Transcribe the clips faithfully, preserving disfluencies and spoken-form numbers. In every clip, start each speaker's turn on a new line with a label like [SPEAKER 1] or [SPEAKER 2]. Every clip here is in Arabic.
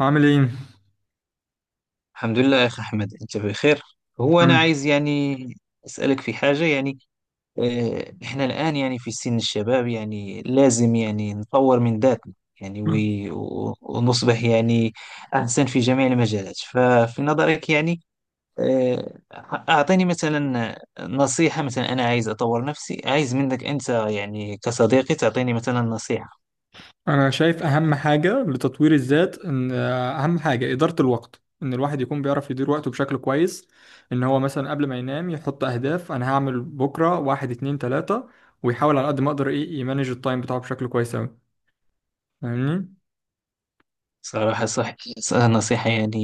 [SPEAKER 1] عامل ايه؟
[SPEAKER 2] الحمد لله يا أخي أحمد، أنت بخير. هو أنا
[SPEAKER 1] عامل
[SPEAKER 2] عايز يعني أسألك في حاجة يعني. آه، إحنا الآن يعني في سن الشباب يعني لازم يعني نطور من ذاتنا. يعني
[SPEAKER 1] إيه؟
[SPEAKER 2] وي- و- ونصبح يعني أحسن في جميع المجالات. ففي نظرك يعني آه، أعطيني مثلا نصيحة. مثلا أنا عايز أطور نفسي، عايز منك أنت يعني كصديقي تعطيني مثلا نصيحة.
[SPEAKER 1] انا شايف اهم حاجة لتطوير الذات ان آه، اهم حاجة إدارة الوقت، ان الواحد يكون بيعرف يدير وقته بشكل كويس. ان هو مثلا قبل ما ينام يحط اهداف انا هعمل بكرة واحد اتنين تلاتة، ويحاول على قد ما اقدر ايه يمانج التايم بتاعه بشكل كويس اوي. فاهمني؟
[SPEAKER 2] صراحة صح، نصيحة يعني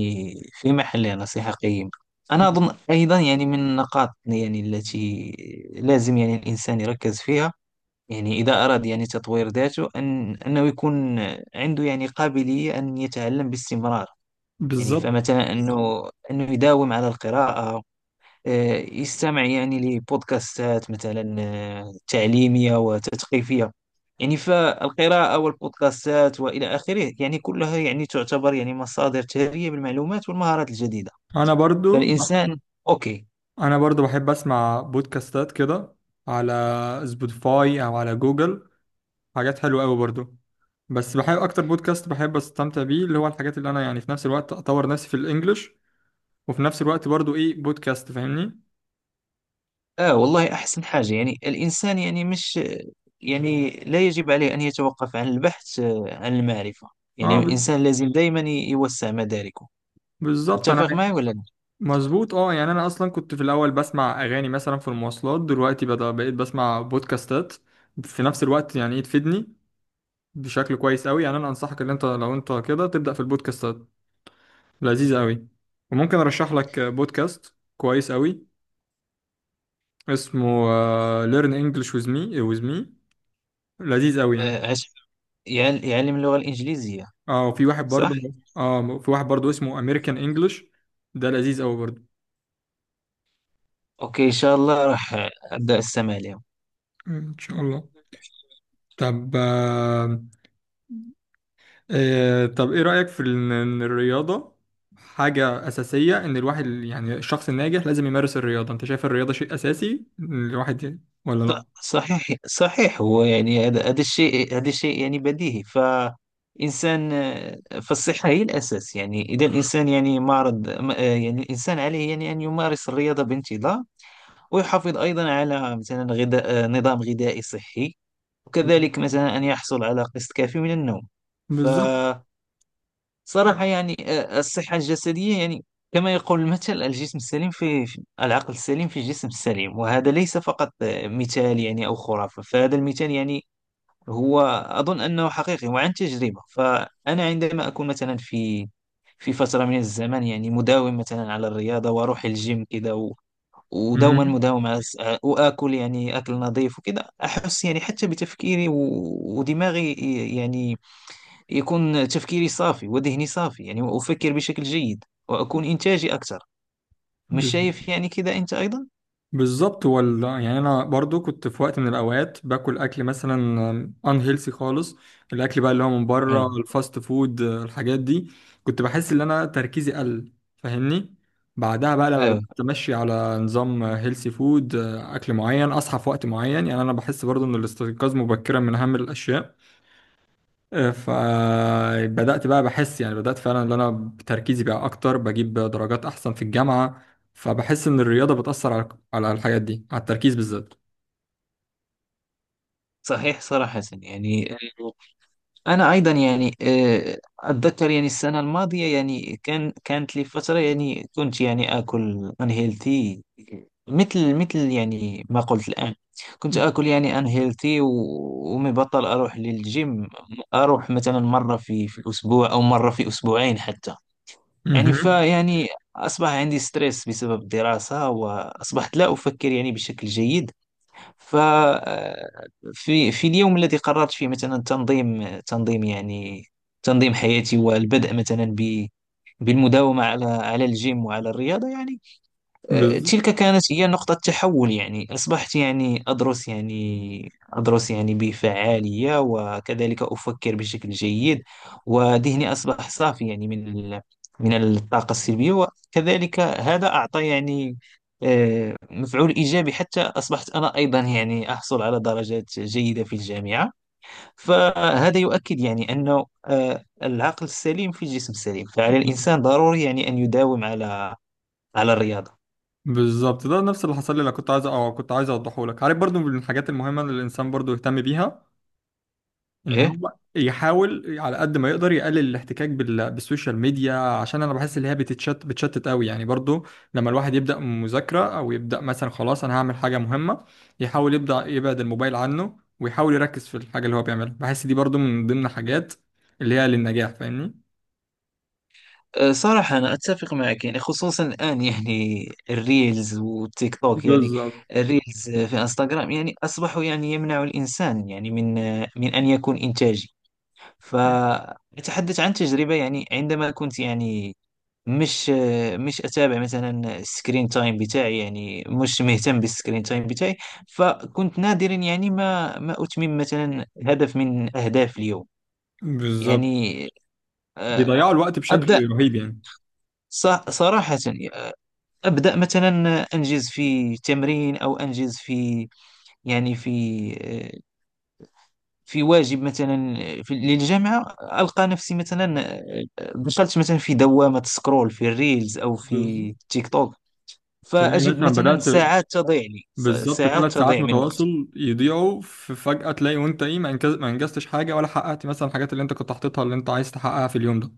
[SPEAKER 2] في محلها، نصيحة قيمة. أنا أظن أيضا يعني من النقاط يعني التي لازم يعني الإنسان يركز فيها، يعني إذا أراد يعني تطوير ذاته أن أنه يكون عنده يعني قابلية أن يتعلم باستمرار. يعني
[SPEAKER 1] بالظبط.
[SPEAKER 2] فمثلا أنه أنه يداوم على القراءة، آه، يستمع يعني لبودكاستات مثلا آه، تعليمية وتثقيفية. يعني فالقراءة والبودكاستات وإلى آخره يعني كلها يعني تعتبر يعني مصادر ثرية بالمعلومات والمهارات الجديدة.
[SPEAKER 1] انا برضو
[SPEAKER 2] فالإنسان، أوكي.
[SPEAKER 1] انا برضو بحب اسمع بودكاستات كده على سبوتيفاي او على جوجل، حاجات حلوة قوي برضو. بس بحب اكتر بودكاست بحب استمتع بيه اللي هو الحاجات اللي انا يعني في نفس الوقت اطور نفسي في الانجليش، وفي نفس الوقت برضو ايه بودكاست، فاهمني.
[SPEAKER 2] آه والله أحسن حاجة يعني الإنسان يعني مش، يعني لا يجب عليه أن يتوقف عن البحث آه، عن المعرفة. يعني
[SPEAKER 1] اه ب-
[SPEAKER 2] الإنسان لازم دائما يوسع مداركه.
[SPEAKER 1] بالظبط انا.
[SPEAKER 2] متفق معي ولا لا؟
[SPEAKER 1] مظبوط اه، يعني انا اصلا كنت في الاول بسمع اغاني مثلا في المواصلات، دلوقتي بدأ بقيت بسمع بودكاستات في نفس الوقت يعني ايه تفيدني بشكل كويس قوي. يعني انا انصحك ان انت لو انت كده تبدأ في البودكاستات، لذيذ قوي. وممكن ارشح لك بودكاست كويس قوي، اسمه آه، Learn English with me. with me، لذيذ قوي يعني.
[SPEAKER 2] آه، عش- يعل- يعلم اللغة الإنجليزية.
[SPEAKER 1] اه وفي واحد
[SPEAKER 2] صح؟
[SPEAKER 1] برضه، اه في واحد برضه اسمه امريكان انجلش، ده لذيذ قوي برضه.
[SPEAKER 2] اوكي ان شاء الله راح ابدا استمع لهم.
[SPEAKER 1] ان شاء الله. طب آه، آه، طب ايه رأيك في ال- ان الرياضة حاجة أساسية؟ ان الواحد يعني الشخص الناجح لازم يمارس الرياضة. انت شايف الرياضة شيء أساسي الواحد ولا
[SPEAKER 2] ص-
[SPEAKER 1] لا؟
[SPEAKER 2] صحيح صحيح، هو يعني هذا هذا الشيء، هذا الشيء يعني بديهي. فإنسان، فالصحة هي الأساس. يعني إذا الإنسان يعني معرض م- يعني الإنسان عليه يعني أن يمارس الرياضة بانتظام، ويحافظ أيضا على مثلا غذاء نظام غذائي صحي، وكذلك مثلا أن يحصل على قسط كافي من النوم.
[SPEAKER 1] بالظبط.
[SPEAKER 2] صراحة يعني آه، الصحة الجسدية يعني كما يقول المثل، الجسم السليم في في- العقل السليم في الجسم السليم. وهذا ليس فقط آه، مثال يعني أو خرافة. فهذا المثال يعني هو أظن أنه حقيقي وعن تجربة. فأنا عندما أكون مثلا في في فترة من الزمن يعني مداوم مثلا على الرياضة وأروح الجيم كده و- ودوما
[SPEAKER 1] مهم.
[SPEAKER 2] مداوم على الس- آه، وآكل يعني أكل نظيف وكده. أحس يعني حتى بتفكيري و- ودماغي يعني يكون تفكيري صافي وذهني صافي، يعني وأفكر بشكل جيد وأكون إنتاجي أكثر. مش
[SPEAKER 1] بالظبط.
[SPEAKER 2] شايف يعني كذا أنت أيضا؟
[SPEAKER 1] بالظبط هو ال- يعني انا برضو كنت في وقت من الاوقات باكل اكل مثلا ان هيلثي خالص، الاكل بقى اللي هو من
[SPEAKER 2] آه.
[SPEAKER 1] بره، الفاست فود الحاجات دي. كنت بحس ان انا تركيزي قل، فاهمني. بعدها بقى لما
[SPEAKER 2] آه.
[SPEAKER 1] بدات امشي على نظام هيلثي فود، اكل معين، اصحى في وقت معين، يعني انا بحس برضو ان الاستيقاظ مبكرا من اهم الاشياء. فبدأت بقى بحس يعني بدأت فعلا ان انا تركيزي بقى اكتر، بجيب درجات احسن في الجامعة. فبحس ان الرياضة بتأثر على على الحاجات دي، على التركيز بالذات.
[SPEAKER 2] صحيح صراحة يعني. آه، أنا أيضا يعني آه، أتذكر يعني السنة الماضية يعني كان كانت لي فترة يعني كنت يعني آكل unhealthy، مثل مثل يعني ما قلت الآن. كنت آكل يعني unhealthy و- ومبطل أروح للجيم. أروح مثلا مرة في في الأسبوع أو مرة في أسبوعين حتى. يعني
[SPEAKER 1] مهم.
[SPEAKER 2] فيعني أصبح عندي ستريس بسبب الدراسة وأصبحت لا أفكر يعني بشكل جيد. ففي في في اليوم الذي قررت فيه مثلا تنظيم تنظيم يعني تنظيم حياتي والبدء مثلا ب- بالمداومة على على الجيم وعلى الرياضة يعني. آه،
[SPEAKER 1] بز...
[SPEAKER 2] تلك كانت هي نقطة تحول، يعني أصبحت يعني أدرس يعني أدرس يعني بفعالية، وكذلك أفكر بشكل جيد وذهني أصبح صافي يعني من ال- من الطاقة السلبية. وكذلك هذا أعطى يعني آه، مفعول إيجابي حتى أصبحت أنا أيضا يعني أحصل على درجات جيدة في الجامعة. فهذا يؤكد يعني أنه آه، العقل السليم في الجسم السليم. فعلى الإنسان ضروري يعني أن يداوم على على الرياضة.
[SPEAKER 1] بالظبط، ده نفس اللي حصل لي اللي كنت عايز او كنت عايز اوضحه لك. عارف برضو من الحاجات المهمة اللي الانسان برضو يهتم بيها ان
[SPEAKER 2] إيه.
[SPEAKER 1] هو يحاول على قد ما يقدر يقلل الاحتكاك بال- بالسوشيال ميديا، عشان انا بحس ان هي بتتشت بتشتت قوي يعني برضو. لما الواحد يبدا مذاكره او يبدا مثلا خلاص انا هعمل حاجه مهمه، يحاول يبدا يبعد الموبايل عنه ويحاول يركز في الحاجه اللي هو بيعملها. بحس دي برضو من ضمن الحاجات اللي هي للنجاح، فاهمني.
[SPEAKER 2] أه، صراحة أنا أتفق معك يعني، خصوصا الآن يعني الريلز والتيك توك يعني.
[SPEAKER 1] بالظبط.
[SPEAKER 2] الريلز أه، في انستغرام يعني أصبحوا يعني يمنع الإنسان يعني من أه، من أن يكون إنتاجي. فأتحدث عن تجربة يعني عندما كنت يعني مش أه، مش أتابع مثلا السكرين تايم بتاعي، يعني مش مهتم بالسكرين تايم بتاعي. فكنت نادرا يعني ما ما أتمم مثلا هدف من أهداف اليوم.
[SPEAKER 1] بالظبط،
[SPEAKER 2] يعني
[SPEAKER 1] بيضيعوا
[SPEAKER 2] أه،
[SPEAKER 1] الوقت
[SPEAKER 2] أبدأ،
[SPEAKER 1] بشكل رهيب يعني.
[SPEAKER 2] ص- صراحة يعني أبدأ مثلا أنجز في تمرين أو أنجز في، يعني في في واجب مثلا في للجامعة. ألقى نفسي مثلا دخلت مثلا في دوامة سكرول في الريلز أو
[SPEAKER 1] بالظبط.
[SPEAKER 2] في تيك توك.
[SPEAKER 1] تلاقي
[SPEAKER 2] فأجد
[SPEAKER 1] مثلا
[SPEAKER 2] مثلا
[SPEAKER 1] بدأت،
[SPEAKER 2] ساعات تضيع لي، س-
[SPEAKER 1] بالظبط
[SPEAKER 2] ساعات
[SPEAKER 1] ثلاث ساعات
[SPEAKER 2] تضيع من وقتي.
[SPEAKER 1] متواصل يضيعوا في فجأة، تلاقي وانت ايه ما انجز- ما انجزتش حاجة ولا حققت مثلا الحاجات اللي انت كنت حاططها اللي انت عايز تحققها في اليوم ده.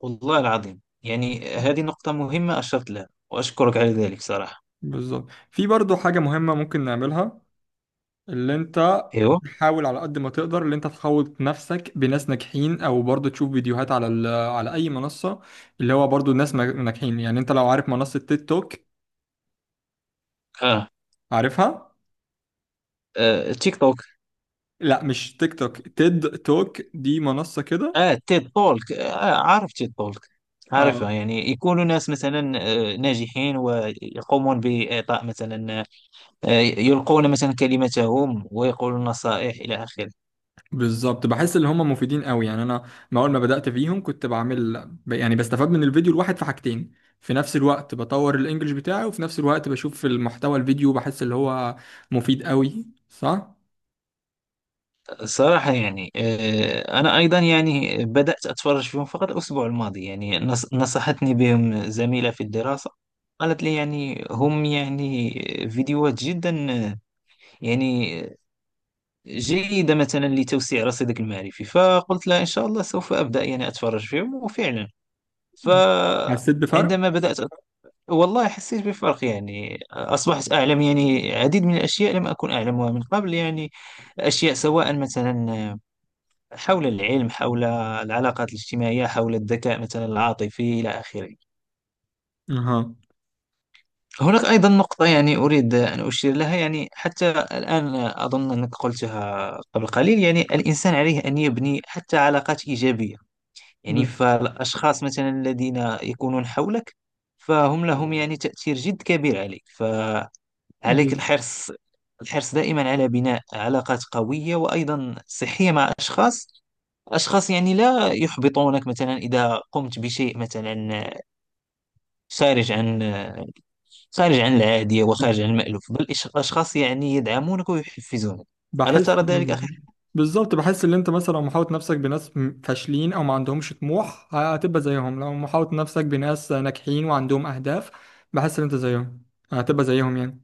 [SPEAKER 2] والله العظيم يعني هذه نقطة مهمة أشرت لها، وأشكرك على ذلك صراحة.
[SPEAKER 1] بالظبط، في برضو حاجة مهمة ممكن نعملها اللي انت
[SPEAKER 2] أيوه.
[SPEAKER 1] تحاول على قد ما تقدر اللي انت تحوط نفسك بناس ناجحين، او برضو تشوف فيديوهات على ال- على اي منصة اللي هو برضو ناس ما- ناجحين. يعني انت لو عارف منصة تيد توك،
[SPEAKER 2] آه.
[SPEAKER 1] عارفها؟
[SPEAKER 2] آه، تيك توك.
[SPEAKER 1] لا، مش تيك توك، تيد توك دي منصة كده.
[SPEAKER 2] اه، تيد تولك. آه عارف تيد تولك، عارفه
[SPEAKER 1] آه،
[SPEAKER 2] يعني. يكونوا ناس مثلا آه، ناجحين ويقومون بإعطاء مثلا آه، يلقون مثلا كلمتهم ويقولون نصائح إلى آخره.
[SPEAKER 1] بالظبط بحس ان هم مفيدين قوي يعني. انا ما اول ما بدأت فيهم كنت بعمل ب- يعني بستفاد من الفيديو الواحد في حاجتين في نفس الوقت، بطور الانجليش بتاعي وفي نفس الوقت بشوف المحتوى الفيديو، بحس اللي هو مفيد قوي، صح.
[SPEAKER 2] الصراحة يعني آه، أنا أيضا يعني بدأت أتفرج فيهم فقط الأسبوع الماضي. يعني نص- نصحتني بهم زميلة في الدراسة، قالت لي يعني هم يعني فيديوهات جدا آه، يعني جيدة مثلا لتوسيع رصيدك المعرفي. فقلت لها إن شاء الله سوف أبدأ يعني أتفرج فيهم. وفعلا
[SPEAKER 1] حسيت بفرق.
[SPEAKER 2] فعندما بدأت أت- والله حسيت بفرق يعني. أصبحت أعلم يعني العديد من الأشياء لم أكن أعلمها من قبل، يعني أشياء سواء مثلا حول العلم، حول العلاقات الاجتماعية، حول الذكاء مثلا العاطفي إلى آخره.
[SPEAKER 1] اها.
[SPEAKER 2] هناك أيضا نقطة يعني أريد أن أشير لها، يعني حتى الآن أظن أنك قلتها قبل قليل. يعني الإنسان عليه أن يبني حتى علاقات إيجابية. يعني
[SPEAKER 1] بز...
[SPEAKER 2] فالأشخاص مثلا الذين يكونون حولك فهم لهم يعني تأثير جد كبير عليك، فعليك
[SPEAKER 1] بز...
[SPEAKER 2] الحرص الحرص دائما على بناء علاقات قوية وأيضا صحية مع أشخاص أشخاص يعني لا يحبطونك مثلا إذا قمت بشيء مثلا خارج عن خارج عن العادية
[SPEAKER 1] بز...
[SPEAKER 2] وخارج عن المألوف، بل أشخاص يعني يدعمونك ويحفزونك. ألا
[SPEAKER 1] بحس
[SPEAKER 2] ترى
[SPEAKER 1] آه،
[SPEAKER 2] ذلك أخي؟
[SPEAKER 1] بالظبط. بالظبط بحس ان انت مثلا لو محاوط نفسك بناس م- فاشلين او ما عندهمش طموح هتبقى زيهم، لو محاوط نفسك بناس ناجحين وعندهم اهداف بحس ان انت زيهم، هتبقى زيهم يعني،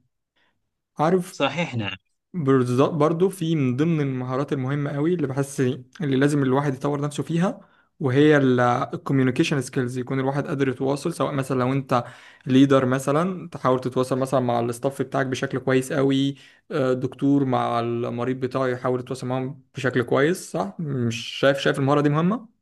[SPEAKER 1] عارف.
[SPEAKER 2] صحيح، نعم.
[SPEAKER 1] بالظبط برضو في من ضمن المهارات المهمة قوي اللي بحس اللي لازم الواحد يطور نفسه فيها وهي الكوميونيكيشن سكيلز، يكون الواحد قادر يتواصل. سواء مثلا لو انت ليدر مثلا تحاول تتواصل مثلا مع الاستاف بتاعك بشكل كويس قوي، آه، دكتور مع المريض بتاعه يحاول يتواصل معاهم بشكل كويس، صح؟ مش شايف شايف المهارة دي مهمة؟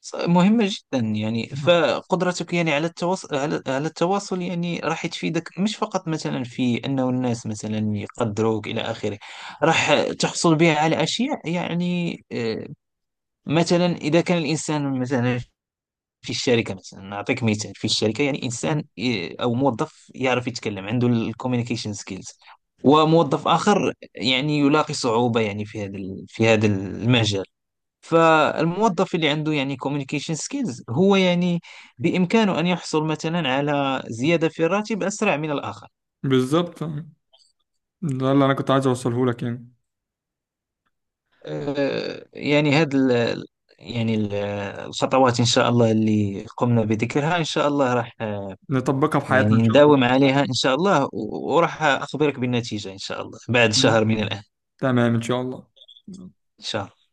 [SPEAKER 2] ص- مهمة جدا يعني.
[SPEAKER 1] آه.
[SPEAKER 2] فقدرتك يعني على التواصل، على, على التواصل يعني راح تفيدك، مش فقط مثلا في أنه الناس مثلا يقدروك إلى آخره. راح تحصل بها على أشياء يعني آه، مثلا إذا كان الإنسان مثلا في الشركة، مثلا نعطيك مثال في الشركة، يعني إنسان آه، أو موظف يعرف يتكلم عنده الكوميونيكيشن سكيلز، وموظف آخر يعني يلاقي صعوبة يعني في هذا ال- في هذا المجال. فالموظف اللي عنده يعني communication skills هو يعني بإمكانه أن يحصل مثلا على زيادة في الراتب أسرع من الآخر.
[SPEAKER 1] بالظبط، ده اللي انا كنت عايز اوصله لك يعني.
[SPEAKER 2] آه، يعني هذا ال- يعني ال- الخطوات إن شاء الله اللي قمنا بذكرها، إن شاء الله راح آه،
[SPEAKER 1] نطبقها في حياتنا ان
[SPEAKER 2] يعني
[SPEAKER 1] شاء
[SPEAKER 2] نداوم عليها إن شاء الله، و- وراح أخبرك بالنتيجة إن شاء الله بعد
[SPEAKER 1] الله.
[SPEAKER 2] شهر من الآن.
[SPEAKER 1] تمام ان شاء الله.
[SPEAKER 2] إن شاء الله.